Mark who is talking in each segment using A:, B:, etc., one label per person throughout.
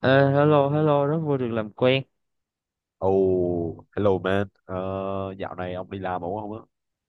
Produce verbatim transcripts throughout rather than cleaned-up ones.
A: Ờ, Hello, hello, rất vui được làm quen.
B: Oh, hello man. Ờ, Dạo này ông đi làm ổn không á?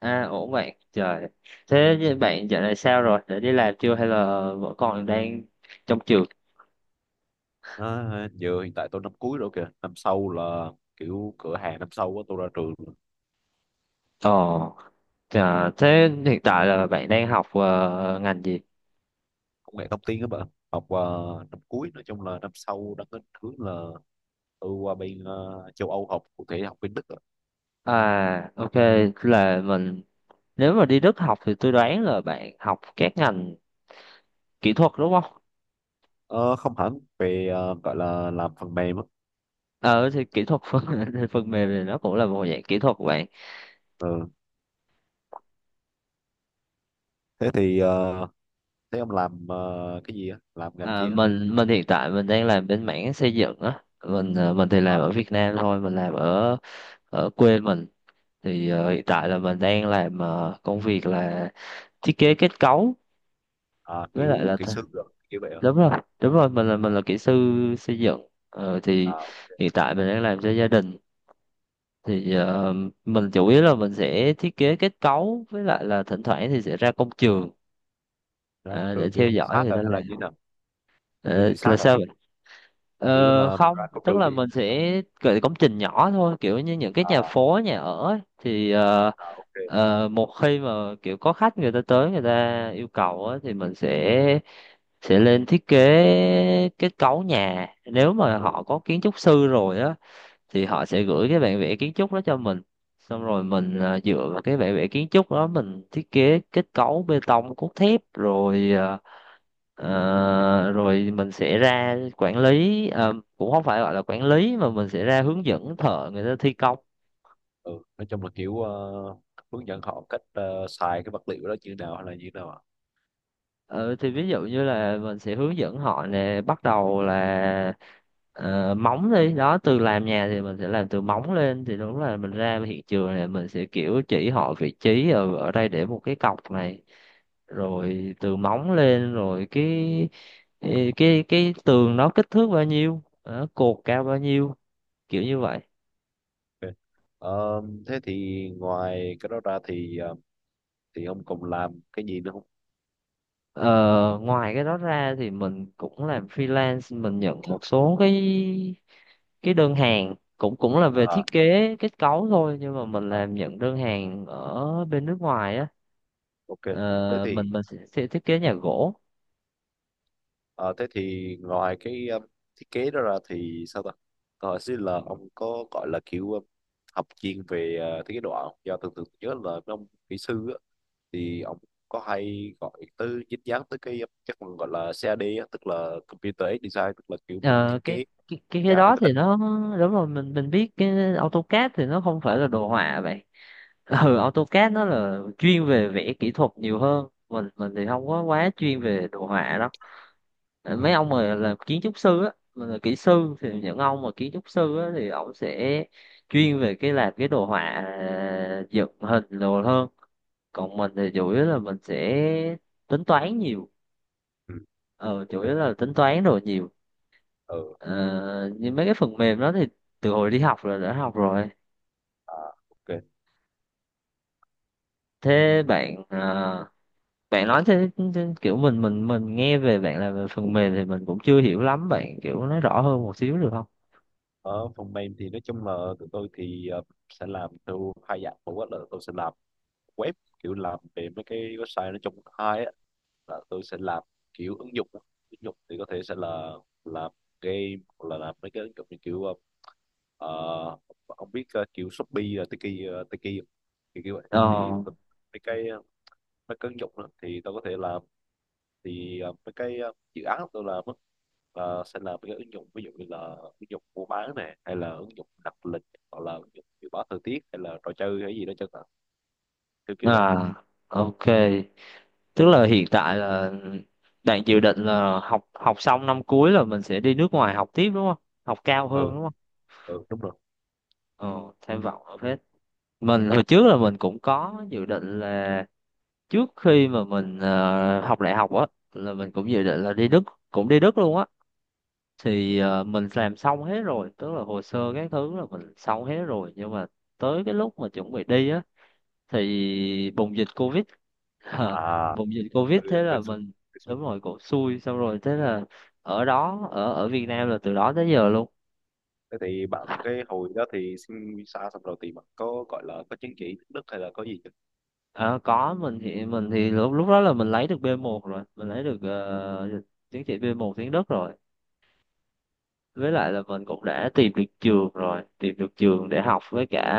A: À, ổn bạn. Trời, thế với bạn dạo này sao rồi? Đã đi làm chưa hay là vẫn còn đang trong trường?
B: À, giờ hiện tại tôi năm cuối rồi kìa. Năm sau là kiểu cửa hàng năm sau á, tôi ra trường
A: Ồ, trời, thế hiện tại là bạn đang học ờ, ngành gì?
B: công nghệ thông tin các bạn. Học ờ, năm cuối nói chung là năm sau đang định hướng là tôi qua bên ờ, châu Âu học, cụ thể học bên Đức á.
A: À, ok, là mình nếu mà đi Đức học thì tôi đoán là bạn học các ngành kỹ thuật đúng không?
B: Ờ, không hẳn, về ờ, gọi là làm phần mềm á.
A: Ờ, thì kỹ thuật phần phần mềm thì nó cũng là một dạng kỹ thuật của bạn.
B: Ừ. Thế thì ờ, thế ông làm ờ, cái gì á? Làm ngành
A: À,
B: chi á?
A: mình mình hiện tại mình đang làm bên mảng xây dựng á, mình ờ, mình thì làm ở
B: À,
A: Việt Nam thôi, mình làm ở ở quê mình. Thì ờ, hiện tại là mình đang làm ờ, công việc là thiết kế kết cấu
B: à,
A: với lại
B: kiểu
A: là
B: kỹ
A: th-
B: sư rồi kiểu vậy á.
A: đúng rồi, đúng rồi, mình là mình là kỹ sư xây dựng. Ờ, thì
B: À, ok.
A: hiện tại mình đang làm cho gia đình. Thì ờ, mình chủ yếu là mình sẽ thiết kế kết cấu, với lại là thỉnh thoảng thì sẽ ra công trường
B: Ra
A: ờ, để
B: trường kiểu
A: theo
B: tự
A: dõi
B: sát
A: người
B: à,
A: ta
B: hay là như thế
A: làm.
B: nào? Kiểu
A: Ờ,
B: tự
A: là
B: sát à?
A: sao?
B: Kiểu
A: Ờ,
B: là mình
A: không,
B: ra có trừ
A: tức là
B: thì
A: mình sẽ gửi công trình nhỏ thôi, kiểu như những cái nhà
B: à,
A: phố, nhà ở ấy. Thì ờ,
B: à ok,
A: ờ, một khi mà kiểu có khách người ta tới người ta yêu cầu á, thì mình sẽ sẽ lên thiết kế kết cấu nhà. Nếu mà
B: ừ,
A: họ có kiến trúc sư rồi á, thì
B: ừ,
A: họ sẽ gửi cái bản vẽ kiến trúc đó cho mình. Xong rồi mình
B: ok,
A: à, dựa vào cái bản vẽ kiến trúc đó mình thiết kế kết cấu bê tông cốt thép rồi. À, ờ, rồi mình sẽ ra quản lý, à, cũng không phải gọi là quản lý mà mình sẽ ra hướng dẫn thợ người ta thi công.
B: ừ. Nói chung là kiểu ờ, hướng dẫn họ cách ờ, xài cái vật liệu đó như nào hay là như nào ạ?
A: Ừ, thì ví dụ như là mình sẽ hướng dẫn họ nè, bắt đầu là ờ, móng đi đó. Từ làm nhà thì mình sẽ làm từ móng lên, thì đúng là mình ra hiện trường này, mình sẽ kiểu chỉ họ vị trí ở, ở đây để một cái cọc này, rồi từ móng lên, rồi cái cái cái, cái tường nó kích thước bao nhiêu đó, cột cao bao nhiêu, kiểu như vậy.
B: Ok. Ờ, thế thì ngoài cái đó ra thì ờ, thì ông còn làm cái gì nữa không?
A: Ờ, ngoài cái đó ra thì mình cũng làm freelance, mình nhận một số cái cái đơn hàng cũng cũng là về thiết
B: À,
A: kế kết cấu thôi, nhưng mà mình
B: à,
A: làm nhận đơn hàng ở bên nước ngoài á.
B: ok. Thế
A: Ờ,
B: thì
A: mình mình sẽ, sẽ thiết kế nhà gỗ.
B: ờ, thế thì ngoài cái ờ, thiết kế đó ra thì sao ta, tôi hỏi xin là ông có gọi là kiểu ờ, học chuyên về ờ, thiết kế đồ họa không? Do thường thường nhớ là mấy ông kỹ sư á, thì ông có hay gọi tới dính dáng tới cái cái phần gọi là cad á, tức là computer aided design, tức là kiểu mình
A: Ờ,
B: thiết kế
A: cái cái cái
B: nhà
A: cái
B: theo
A: đó
B: máy
A: thì
B: tính á.
A: nó đúng rồi, mình mình biết cái AutoCAD thì nó không phải là đồ họa vậy. ừ, AutoCAD nó là chuyên về vẽ kỹ thuật nhiều hơn, mình mình thì không có quá chuyên về đồ họa đâu. Ờ,
B: Ừ.
A: mấy ông mà làm kiến trúc sư á, mà là kỹ sư thì những ông mà kiến trúc sư á thì ông sẽ chuyên về cái làm cái đồ họa à, dựng hình đồ hơn. Còn mình thì chủ yếu là mình sẽ tính toán nhiều,
B: Ừ.
A: ờ chủ yếu
B: Ok.
A: là tính toán đồ nhiều.
B: Ừ.
A: ờ, Như mấy cái phần mềm đó thì từ hồi đi học là đã học rồi.
B: À, ok.
A: Thế bạn à, bạn nói thế, thế kiểu mình mình mình nghe về bạn làm về phần mềm thì mình cũng chưa hiểu lắm, bạn kiểu nói rõ hơn một xíu được không?
B: Ở phần mềm thì nói chung là tụi tôi thì ờ, sẽ làm theo hai dạng. Một á là tôi sẽ làm web, kiểu làm về mấy cái website. Nói chung hai á là tôi sẽ làm kiểu ứng dụng đó. Ứng dụng thì có thể sẽ là làm game hoặc là làm mấy cái ứng dụng như kiểu ờ, ờ, ông biết ờ, kiểu Shopee là Tiki ờ, Tiki không? Thì kiểu vậy thì
A: ờ
B: tôi- mấy cái ờ, mấy cái ứng dụng đó, thì tôi có thể làm. Thì ờ, mấy cái ờ, dự án tôi làm á, là sẽ làm mấy cái ứng dụng ví dụ như là ứng dụng mua bán này, hay là ứng dụng đặt lịch, hoặc là ứng dụng dự báo thời tiết, hay là trò chơi hay gì đó chẳng hạn, kiểu kiểu vậy.
A: À, ok. Tức là hiện tại là bạn dự định là học học xong năm cuối là mình sẽ đi nước ngoài học tiếp đúng không? Học cao
B: Ừ,
A: hơn đúng không?
B: ừ đúng rồi.
A: Ờ, tham vọng ở hết. Mình hồi trước là mình cũng có dự định là trước khi mà mình ờ, học đại học á là mình cũng dự định là đi Đức, cũng đi Đức luôn á. Thì ờ, mình làm xong hết rồi, tức là hồ sơ các thứ là mình xong hết rồi, nhưng mà tới cái lúc mà chuẩn bị đi á thì bùng dịch covid. Ờ,
B: À,
A: bùng dịch covid thế
B: tôi
A: là mình.
B: tôi
A: Đúng rồi, cổ xui, xong rồi thế là ở đó, ở ở Việt Nam là từ đó tới giờ luôn.
B: thế thì bạn cái hồi đó thì xin visa xong rồi thì bạn có gọi là có chứng chỉ tiếng Đức hay là có gì chưa?
A: Ờ, có, mình thì mình thì lúc lúc đó là mình lấy được bê một rồi, mình lấy được ờ, chứng chỉ bê một tiếng Đức rồi, với lại là mình cũng đã tìm được trường rồi, tìm được trường để học, với cả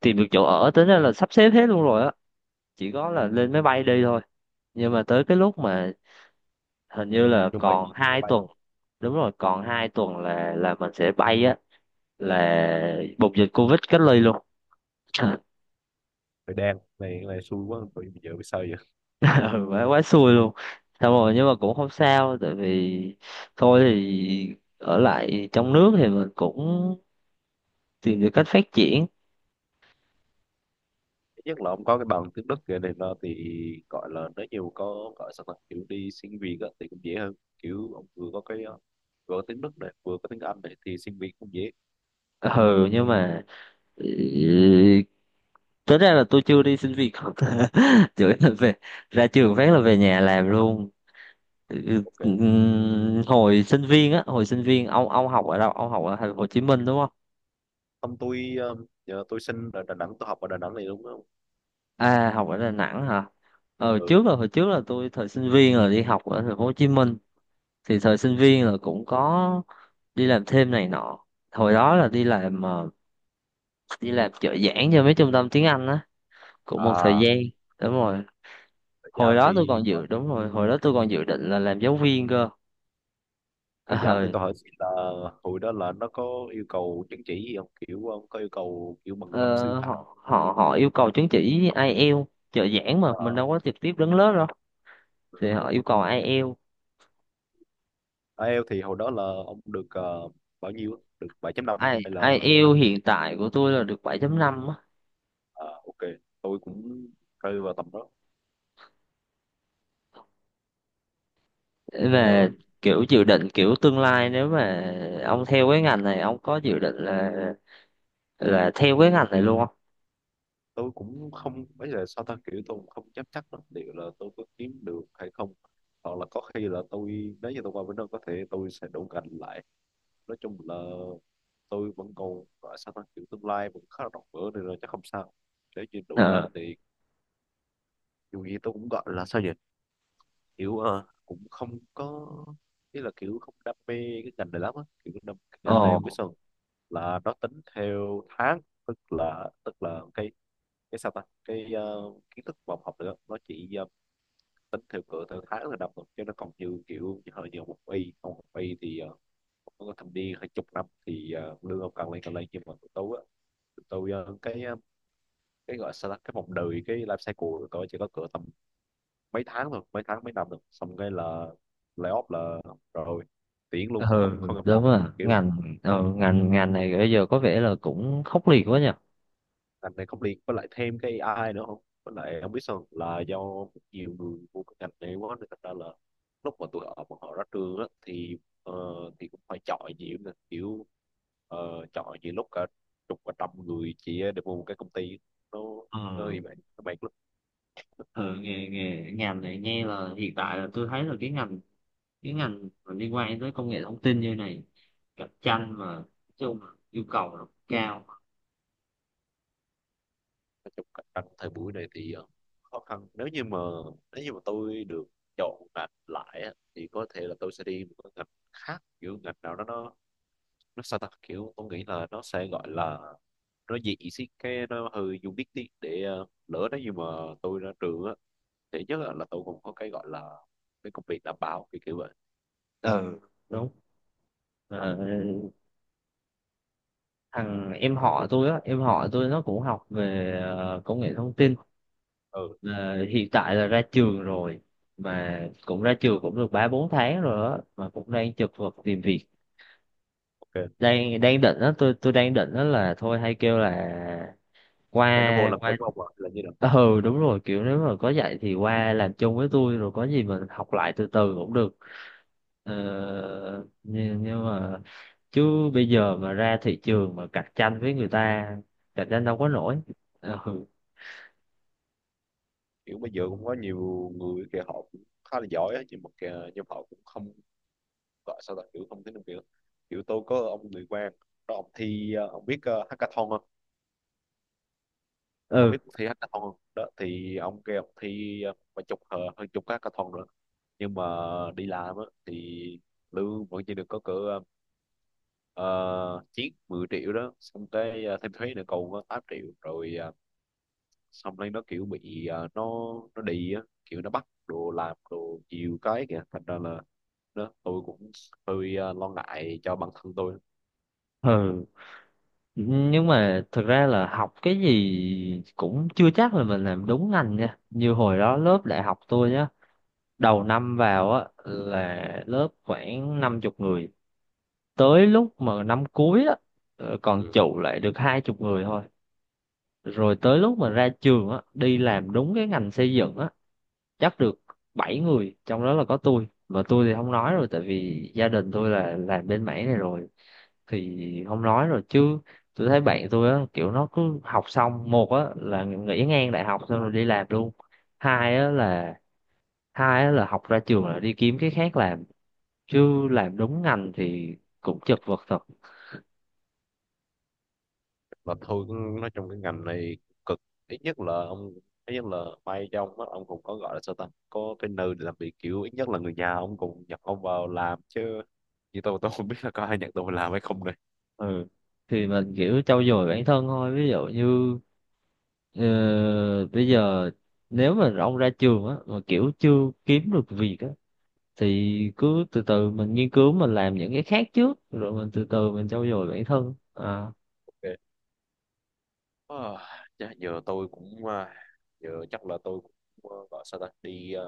A: tìm được chỗ ở, tính ra là sắp xếp hết luôn rồi á, chỉ có là lên máy bay đi thôi. Nhưng mà tới cái lúc mà hình như là
B: Chuẩn bị
A: còn
B: gì thì máy
A: hai
B: bay
A: tuần
B: rồi.
A: đúng rồi, còn hai tuần là là mình sẽ bay á, là bùng dịch covid, cách ly luôn.
B: Thời đen này này xui quá, bây giờ biết sao vậy.
A: ừ, quá quá xui luôn, xong rồi nhưng mà cũng không sao tại vì thôi thì ở lại trong nước thì mình cũng tìm được cách phát triển.
B: Thứ nhất là ông có cái bằng tiếng Đức kia này nó thì gọi là nếu nhiều có gọi sao ta kiểu đi xin việc á, thì cũng dễ hơn, kiểu ông vừa có cái ờ, vừa có tiếng Đức này vừa có tiếng Anh này thì xin việc cũng dễ.
A: Ừ, nhưng mà ừ, tính ra là tôi chưa đi xin việc. chửi là về, ra trường phát là về nhà làm luôn. Ừ,
B: Ok,
A: ừm, hồi sinh viên á, hồi sinh viên ông ông học ở đâu, ông học ở thành phố Hồ Chí Minh đúng không?
B: không tôi ờ, giờ tôi sinh ở Đà Nẵng, tôi học ở Đà Nẵng này đúng không?
A: À, học ở Đà Nẵng hả? Ờ
B: Ừ,
A: trước là hồi trước là tôi thời sinh viên là đi học ở thành phố Hồ Chí Minh, thì thời sinh viên là cũng có đi làm thêm này nọ, hồi đó là đi làm ờ, đi làm trợ giảng cho mấy trung tâm tiếng Anh á, cũng một thời
B: à
A: gian. Đúng rồi
B: giá
A: hồi đó tôi
B: thì
A: còn
B: ờ,
A: dự đúng rồi, hồi đó tôi còn dự định là làm giáo viên cơ.
B: rồi giảng
A: ờ
B: thì tôi hỏi xin là hồi đó là nó có yêu cầu chứng chỉ gì không, kiểu ông có yêu cầu kiểu bằng cấp sư
A: Ờ,
B: phạm
A: họ họ họ yêu cầu chứng chỉ ai eo. Trợ giảng mà mình
B: à,
A: đâu có trực tiếp đứng lớp đâu, thì họ yêu cầu ai eo.
B: ai eo thì hồi đó là ông được ờ, bao nhiêu á? Được bảy chấm năm không?
A: Ai?
B: Hay là
A: IELTS hiện tại của tôi là được bảy chấm năm á.
B: à, ok, tôi cũng rơi vào tầm đó. Ờ,
A: Về kiểu dự định kiểu tương lai, nếu mà ông theo cái ngành này ông có dự định là là theo cái ngành này luôn không?
B: tôi cũng không, bây giờ sao ta kiểu tôi cũng không dám chắc lắm liệu là tôi có kiếm được hay không, hoặc là có khi là tôi nếu như tôi qua bên đó có thể tôi sẽ đổ gành lại. Nói chung là tôi vẫn còn gọi sao ta kiểu tương lai vẫn khá là rộng mở nên là chắc không sao, nếu như đủ cảnh
A: Ờ
B: thì dù gì tôi cũng gọi là sao nhỉ, kiểu ờ, cũng không có ý là kiểu không đam mê cái ngành này lắm á, kiểu đam, cái
A: ồ.
B: ngành này không biết sao là nó tính theo tháng. Tức là tức là cái cái sao ta cái ờ, kiến thức mà ông học được á, nó chỉ ờ, tính theo cỡ theo tháng là đọc thôi chứ nó còn như kiểu hơi nhiều một y không một y, thì ờ, có thâm niên hai chục năm thì ờ, lương ông càng lên càng lên, nhưng mà tôi á tôi ờ, cái ờ, cái gọi sao ta, cái vòng đời, cái life cycle của tôi chỉ có cỡ tầm mấy tháng thôi, mấy tháng mấy năm thôi, xong cái là layoff là rồi tiễn
A: Ừ,
B: luôn, không không gặp lại
A: đúng rồi,
B: kiểu.
A: ngành ờ, ngành ngành này bây giờ có vẻ là cũng khốc liệt quá nhỉ.
B: Ngành này không liên, với lại thêm cái a i nữa, không với lại không biết sao là do nhiều người vô cái ngành này quá nên thành ra là lúc mà tụi họ bọn họ ra trường á thì ờ, thì cũng phải chọi nhiều nè, kiểu ờ, chọi nhiều lúc cả chục và trăm người chỉ để mua một cái công ty. nó nó
A: ờ
B: như vậy các bạn.
A: ừ, nghe nghe ngành này, nghe là hiện tại là tôi thấy là cái ngành cái ngành mà liên quan tới công nghệ thông tin như này, cạnh tranh mà nói chung là yêu cầu nó cao.
B: Nói chung cạnh tranh thời buổi này thì ờ, khó khăn, nếu như mà nếu như mà tôi được chọn ngành lại á, thì có thể là tôi sẽ đi một cái ngành khác, kiểu ngành nào đó nó nó sao ta kiểu tôi nghĩ là nó sẽ gọi là nó dị xí cái nó hơi dùng biết tí, để ờ, lỡ nếu như mà tôi ra trường á thì nhất là là tôi cũng có cái gọi là cái công việc đảm bảo kiểu kiểu vậy.
A: Ừ, đúng. Ờ, thằng em họ tôi á em họ tôi nó cũng học về ờ, công nghệ thông tin.
B: Ừ,
A: Ờ, hiện tại là ra trường rồi, mà cũng ra trường cũng được ba bốn tháng rồi á, mà cũng đang chật vật tìm việc.
B: ok.
A: Đang đang định á, tôi tôi đang định á là thôi hay kêu là
B: Cái nó vô
A: qua
B: làm
A: qua
B: giống ông ạ là như là
A: ờ, ừ, đúng rồi, kiểu nếu mà có dạy thì qua làm chung với tôi, rồi có gì mình học lại từ từ cũng được. ờ, nhưng, nhưng mà chứ bây giờ mà ra thị trường mà cạnh tranh với người ta, cạnh tranh đâu có nổi. Ờ, ừ,
B: kiểu bây giờ cũng có nhiều người kìa họ cũng khá là giỏi á, nhưng mà kìa, nhưng mà họ cũng không gọi sao là kiểu không tính được, kiểu kiểu tôi có ông người quan đó ông thi ờ, ông biết ờ, hackathon không, ông biết
A: ừ,
B: cuộc thi hackathon không, đó thì ông kêu ông thi ờ, vài chục ờ, hơn chục cái hackathon nữa, nhưng mà đi làm á thì lương vẫn chỉ được có cỡ uh, chiếc mười triệu đó, xong cái ờ, thêm thuế nữa còn có tám triệu rồi ờ, xong lên nó kiểu bị ờ, nó nó đi á kiểu nó bắt đồ làm đồ nhiều cái kìa, thành ra là đó tôi cũng hơi ờ, lo ngại cho bản thân tôi.
A: ừ nhưng mà thực ra là học cái gì cũng chưa chắc là mình làm đúng ngành nha. Như hồi đó lớp đại học tôi nhá, đầu năm vào á là lớp khoảng năm chục người, tới lúc mà năm cuối á ờ, còn
B: Ừ.
A: trụ lại được hai chục người thôi. Rồi tới lúc mà ra trường á, đi làm đúng cái ngành xây dựng á, chắc được bảy người, trong đó là có tôi. Mà tôi thì không nói rồi, tại vì gia đình tôi là làm bên mảng này rồi thì không nói rồi. Chứ tôi thấy bạn tôi á, kiểu nó cứ học xong, một á là nghỉ ngang đại học xong rồi đi làm luôn, hai á là hai á là học ra trường là đi kiếm cái khác làm, chứ làm đúng ngành thì cũng chật vật thật.
B: Mà thôi cũng- nói trong cái ngành này cực, ít nhất là ông, ít nhất là may cho ông á, ông cũng có gọi là sao ta có cái nơi để làm việc, kiểu ít nhất là người nhà ông cũng nhận ông vào làm, chứ như tôi tôi không biết là có ai nhận tôi vào làm hay không này.
A: Ừ, thì mình kiểu trau dồi bản thân thôi, ví dụ như ờ, bây giờ nếu mà ông ra trường á mà kiểu chưa kiếm được việc á, thì cứ từ từ mình nghiên cứu, mình làm những cái khác trước, rồi mình từ từ mình trau dồi bản thân à.
B: Okay. À, dạ, giờ tôi cũng à, giờ chắc là tôi cũng à, gọi sao ta đi à,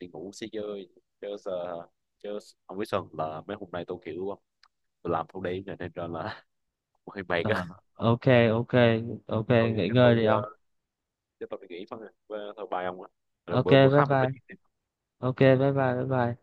B: đi ngủ xí chơi chứ giờ chứ không biết sao là mấy hôm nay tôi kiểu ờ, tôi làm thâu đêm này nên ra là hơi mệt á.
A: À, ok, ok, ok.
B: Thôi
A: Nghỉ
B: chắc
A: ngơi
B: tôi
A: đi
B: à,
A: ông.
B: chắc tôi đi nghỉ thôi. Và thôi bye ông ạ, rồi
A: Ok,
B: bữa bữa
A: bye
B: khác mình
A: bye.
B: nói chuyện.
A: Ok, bye bye. Bye bye.